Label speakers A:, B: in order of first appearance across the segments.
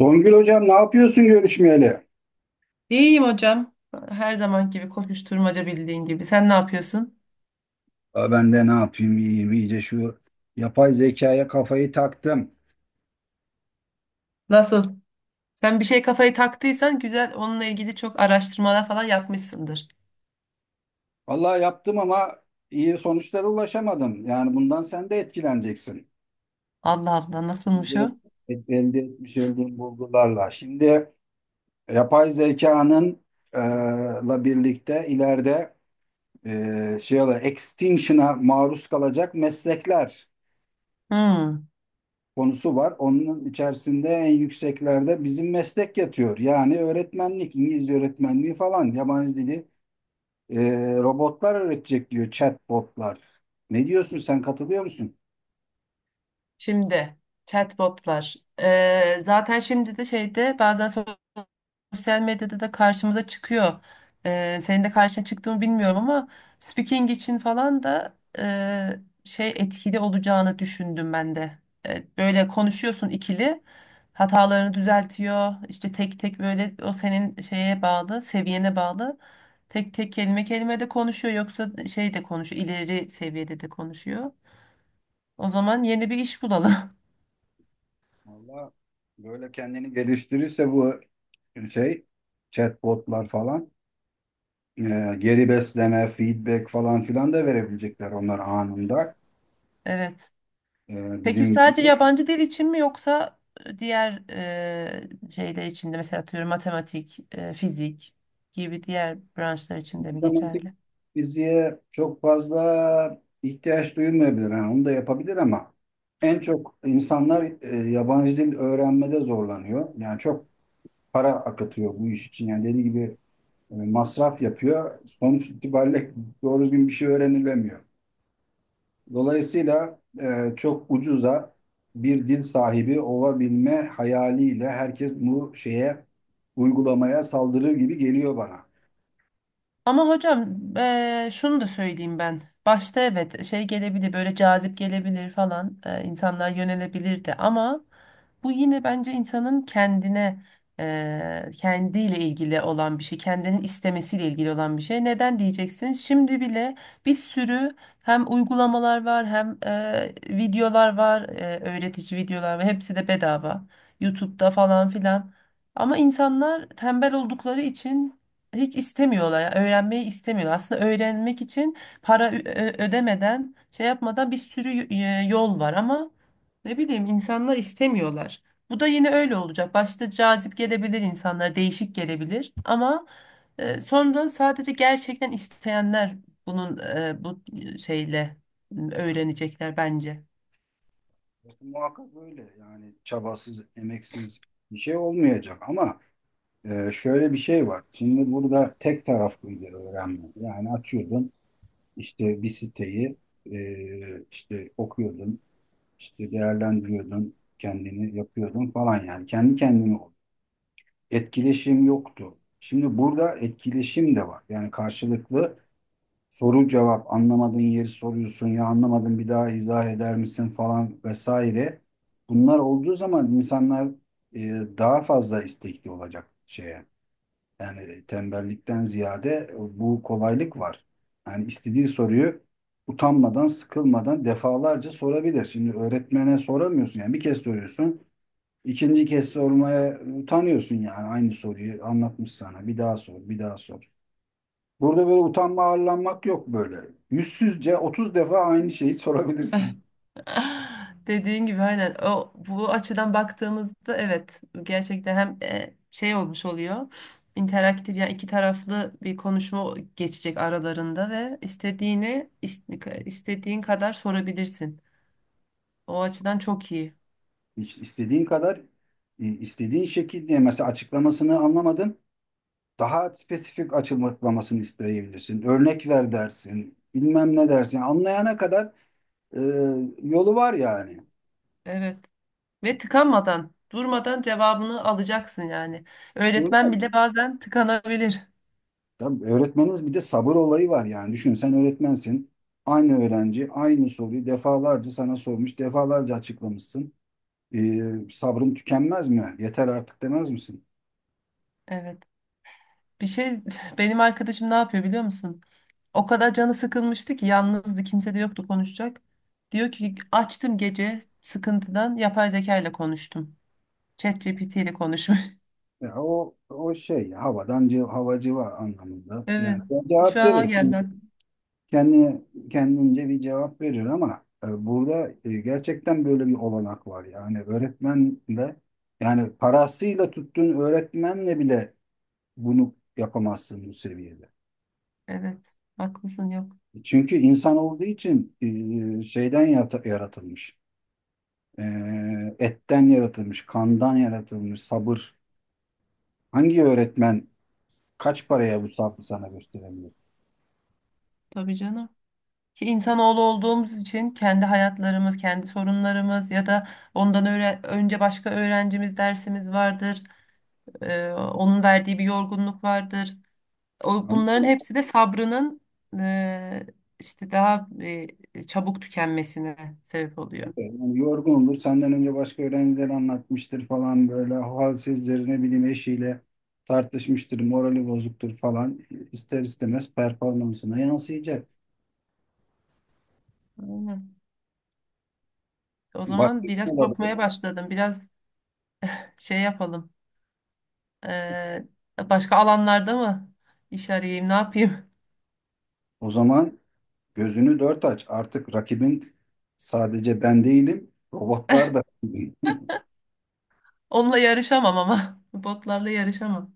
A: Songül hocam ne yapıyorsun görüşmeyeli?
B: İyiyim hocam. Her zaman gibi koşuşturmaca bildiğin gibi. Sen ne yapıyorsun?
A: Ben de ne yapayım iyiyim iyice şu yapay zekaya kafayı taktım.
B: Nasıl? Sen bir şey kafayı taktıysan güzel onunla ilgili çok araştırmalar falan yapmışsındır.
A: Vallahi yaptım ama iyi sonuçlara ulaşamadım. Yani bundan sen de etkileneceksin.
B: Allah Allah nasılmış
A: Elde,
B: o?
A: Elde etmiş olduğum bulgularla. Şimdi yapay zekanın e, la birlikte ileride extinction'a maruz kalacak meslekler
B: Hmm.
A: konusu var. Onun içerisinde en yükseklerde bizim meslek yatıyor. Yani öğretmenlik, İngilizce öğretmenliği falan, yabancı dili e, robotlar öğretecek diyor chatbotlar. Ne diyorsun sen katılıyor musun?
B: Şimdi chatbotlar. Zaten şimdi de şeyde bazen sosyal medyada da karşımıza çıkıyor. Senin de karşına çıktığını bilmiyorum ama speaking için falan da şey etkili olacağını düşündüm ben de. Böyle konuşuyorsun ikili, hatalarını düzeltiyor. İşte tek tek böyle o senin şeye bağlı, seviyene bağlı. Tek tek kelime kelime de konuşuyor yoksa şey de konuşuyor, ileri seviyede de konuşuyor. O zaman yeni bir iş bulalım.
A: Valla böyle kendini geliştirirse bu şey chatbotlar falan e, geri besleme, feedback falan filan da verebilecekler onlar anında.
B: Evet.
A: E,
B: Peki
A: bizim
B: sadece
A: gibi.
B: yabancı dil için mi yoksa diğer şeyler için de mesela atıyorum matematik, fizik gibi diğer branşlar için de mi
A: Matematik
B: geçerli?
A: fiziğe çok fazla ihtiyaç duyulmayabilir. Yani onu da yapabilir ama en çok insanlar yabancı dil öğrenmede zorlanıyor. Yani çok para akıtıyor bu iş için. Yani dediği gibi masraf yapıyor. Sonuç itibariyle doğru düzgün bir şey öğrenilemiyor. Dolayısıyla çok ucuza bir dil sahibi olabilme hayaliyle herkes bu şeye uygulamaya saldırır gibi geliyor bana.
B: Ama hocam şunu da söyleyeyim ben. Başta evet şey gelebilir böyle cazip gelebilir falan insanlar yönelebilirdi ama bu yine bence insanın kendine kendiyle ilgili olan bir şey, kendinin istemesiyle ilgili olan bir şey. Neden diyeceksin? Şimdi bile bir sürü hem uygulamalar var hem videolar var, öğretici videolar var. Hepsi de bedava. YouTube'da falan filan. Ama insanlar tembel oldukları için hiç istemiyorlar. Ya, öğrenmeyi istemiyorlar. Aslında öğrenmek için para ödemeden, şey yapmadan bir sürü yol var ama ne bileyim insanlar istemiyorlar. Bu da yine öyle olacak. Başta cazip gelebilir insanlar, değişik gelebilir ama sonra sadece gerçekten isteyenler bunun bu şeyle öğrenecekler bence.
A: Muhakkak öyle. Yani çabasız, emeksiz bir şey olmayacak ama şöyle bir şey var. Şimdi burada tek taraflıydı öğrenme. Yani açıyordun işte bir siteyi, işte okuyordun, işte değerlendiriyordun, kendini yapıyordun falan yani. Kendi kendine ol. Etkileşim yoktu. Şimdi burada etkileşim de var. Yani karşılıklı soru cevap, anlamadığın yeri soruyorsun, ya anlamadın bir daha izah eder misin falan vesaire. Bunlar olduğu zaman insanlar e, daha fazla istekli olacak şeye. Yani tembellikten ziyade bu kolaylık var. Yani istediği soruyu utanmadan, sıkılmadan defalarca sorabilir. Şimdi öğretmene soramıyorsun, yani bir kez soruyorsun. İkinci kez sormaya utanıyorsun, yani aynı soruyu anlatmış sana. Bir daha sor, bir daha sor. Burada böyle utanma arlanmak yok böyle. Yüzsüzce 30 defa aynı şeyi sorabilirsin.
B: Dediğin gibi aynen o bu açıdan baktığımızda evet gerçekten hem şey olmuş oluyor interaktif yani iki taraflı bir konuşma geçecek aralarında ve istediğini istediğin kadar sorabilirsin. O açıdan çok iyi.
A: Hiç istediğin kadar, istediğin şekilde mesela açıklamasını anlamadın. Daha spesifik açıklamasını isteyebilirsin. Örnek ver dersin. Bilmem ne dersin. Yani anlayana kadar e, yolu var yani.
B: Evet. Ve tıkanmadan, durmadan cevabını alacaksın yani.
A: Doğru
B: Öğretmen
A: mu?
B: bile bazen tıkanabilir.
A: Tabii öğretmeniniz, bir de sabır olayı var yani. Düşün sen öğretmensin. Aynı öğrenci aynı soruyu defalarca sana sormuş, defalarca açıklamışsın. Sabrım tükenmez mi? Yeter artık demez misin?
B: Evet. Bir şey benim arkadaşım ne yapıyor biliyor musun? O kadar canı sıkılmıştı ki yalnızdı kimse de yoktu konuşacak. Diyor ki açtım gece sıkıntıdan yapay zeka ile konuştum. ChatGPT ile konuşmuş.
A: Ya o şey havadan havacı var anlamında.
B: Evet.
A: Yani ben
B: Şu
A: cevap
B: an o
A: verir.
B: geldi aklıma.
A: Kendi kendince bir cevap verir ama burada gerçekten böyle bir olanak var. Yani öğretmenle, yani parasıyla tuttuğun öğretmenle bile bunu yapamazsın bu seviyede.
B: Evet. Haklısın yok.
A: Çünkü insan olduğu için yaratılmış. E, Etten yaratılmış, kandan yaratılmış, sabır. Hangi öğretmen kaç paraya bu sabrı sana gösterebilir?
B: Tabii canım. Ki insanoğlu olduğumuz için kendi hayatlarımız, kendi sorunlarımız ya da ondan önce başka öğrencimiz dersimiz vardır. Onun verdiği bir yorgunluk vardır. O,
A: Anladın
B: bunların
A: mı?
B: hepsi de sabrının e, işte daha çabuk tükenmesine sebep oluyor.
A: Yani yorgun olur, senden önce başka öğrenciler anlatmıştır falan, böyle halsizdir, ne bileyim eşiyle tartışmıştır, morali bozuktur falan. İster istemez performansına yansıyacak.
B: Aynen. O
A: Bak,
B: zaman biraz
A: olabilir.
B: korkmaya başladım. Biraz şey yapalım. E, Başka alanlarda mı iş arayayım, ne yapayım?
A: O zaman gözünü dört aç. Artık rakibin sadece ben değilim, robotlar da.
B: Onunla yarışamam ama. Botlarla yarışamam.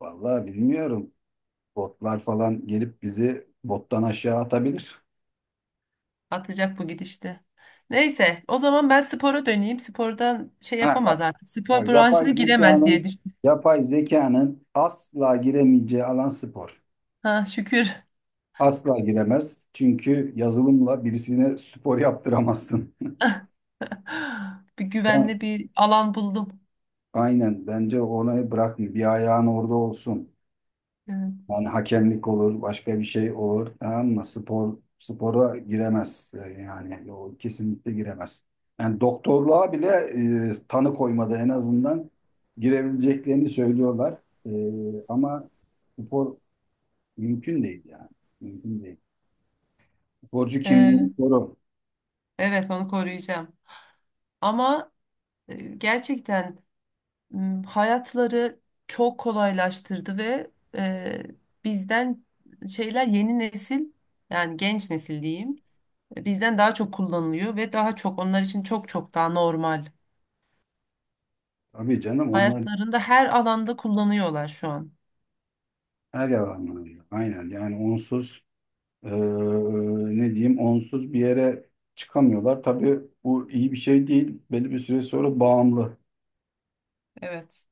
A: Vallahi bilmiyorum. Botlar falan gelip bizi bottan aşağı atabilir.
B: Atacak bu gidişte. Neyse, o zaman ben spora döneyim. Spordan şey
A: Ha, Bak,
B: yapamaz artık. Spor
A: yapay
B: branşına giremez
A: zekanın
B: diye düşünüyorum.
A: yapay zekanın asla giremeyeceği alan spor.
B: Ha, şükür.
A: Asla giremez. Çünkü yazılımla birisine spor yaptıramazsın.
B: Bir
A: Sen,
B: güvenli bir alan buldum.
A: aynen bence onu bırakın. Bir ayağın orada olsun.
B: Evet.
A: Yani hakemlik olur, başka bir şey olur. Tamam mı? Spor spora giremez. Yani o kesinlikle giremez. Yani doktorluğa bile tanı koymada en azından girebileceklerini söylüyorlar. Ama spor mümkün değil yani. Mümkün değil. Sporcu
B: Ee,
A: kimliğini koru.
B: evet onu koruyacağım. Ama gerçekten hayatları çok kolaylaştırdı ve e, bizden şeyler yeni nesil yani genç nesil diyeyim, bizden daha çok kullanılıyor ve daha çok onlar için çok çok daha normal.
A: Tabii canım onlar
B: Hayatlarında her alanda kullanıyorlar şu an.
A: her yalanlarında. Aynen yani onsuz eee, ne diyeyim onsuz bir yere çıkamıyorlar. Tabii bu iyi bir şey değil. Belli bir süre sonra bağımlı.
B: Evet.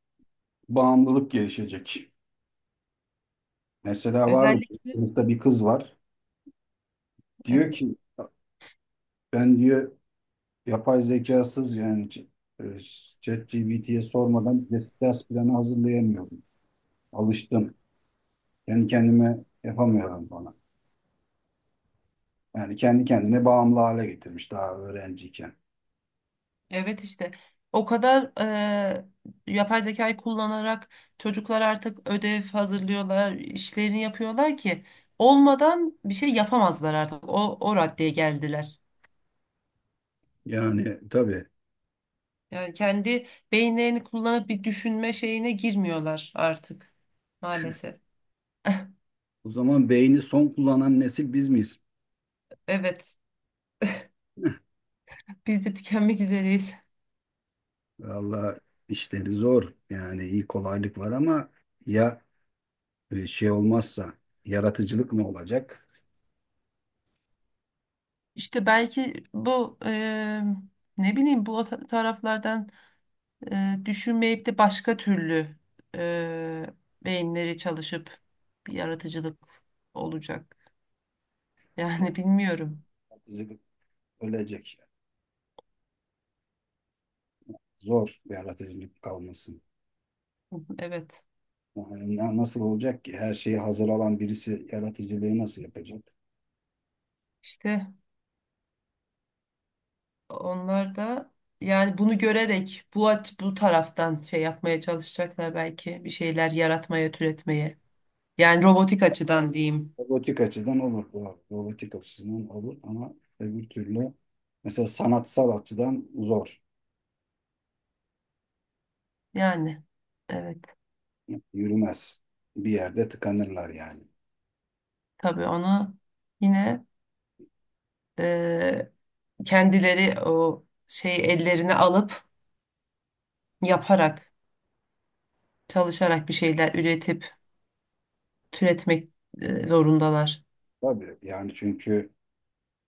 A: Bağımlılık gelişecek. Mesela vardı bir
B: Özellikle
A: sınıfta bir kız var. Diyor
B: evet.
A: ki ben diyor yapay zekasız yani e, ChatGPT'ye sormadan ders planı hazırlayamıyorum. Alıştım. Kendi kendime yapamıyorum bana. Yani kendi kendine bağımlı hale getirmiş daha öğrenciyken.
B: Evet işte o kadar yapay zekayı kullanarak çocuklar artık ödev hazırlıyorlar, işlerini yapıyorlar ki olmadan bir şey yapamazlar artık. O, o raddeye geldiler.
A: Yani tabii,
B: Yani kendi beyinlerini kullanıp bir düşünme şeyine girmiyorlar artık maalesef.
A: o zaman beyni son kullanan nesil biz miyiz?
B: Evet, biz de tükenmek üzereyiz.
A: Valla işleri zor. Yani iyi, kolaylık var ama ya e, şey olmazsa yaratıcılık ne olacak?
B: İşte belki bu ne bileyim bu taraflardan düşünmeyip de başka türlü e, beyinleri çalışıp bir yaratıcılık olacak. Yani bilmiyorum.
A: Yaratıcılık ölecek. Zor, yaratıcılık kalmasın.
B: Evet.
A: Yani nasıl olacak ki? Her şeyi hazır alan birisi yaratıcılığı nasıl yapacak?
B: İşte onlar da yani bunu görerek bu aç bu taraftan şey yapmaya çalışacaklar belki bir şeyler yaratmaya, türetmeye. Yani robotik açıdan diyeyim.
A: Robotik açıdan olur. Doğru. Robotik açısından olur ama öbür türlü mesela sanatsal açıdan zor.
B: Yani evet.
A: Yürümez. Bir yerde tıkanırlar yani.
B: Tabii onu yine e, kendileri o şey ellerine alıp yaparak çalışarak bir şeyler üretip türetmek zorundalar.
A: Tabii yani çünkü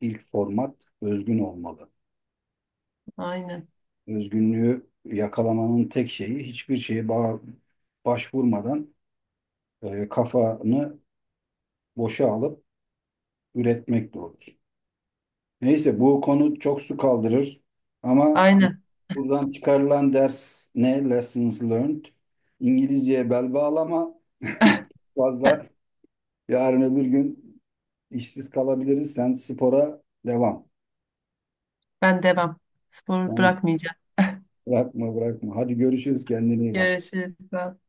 A: ilk format özgün olmalı.
B: Aynen.
A: Özgünlüğü yakalamanın tek şeyi hiçbir şeye başvurmadan kafanı boşa alıp üretmek olur. Neyse bu konu çok su kaldırır ama
B: Aynen.
A: buradan çıkarılan ders ne? Lessons learned. İngilizceye bel bağlama. Fazla, yarın öbür gün işsiz kalabiliriz. Sen spora devam.
B: Ben devam. Sporu
A: Yani
B: bırakmayacağım.
A: bırakma. Hadi görüşürüz, kendine iyi bak.
B: Görüşürüz. Sağ ol.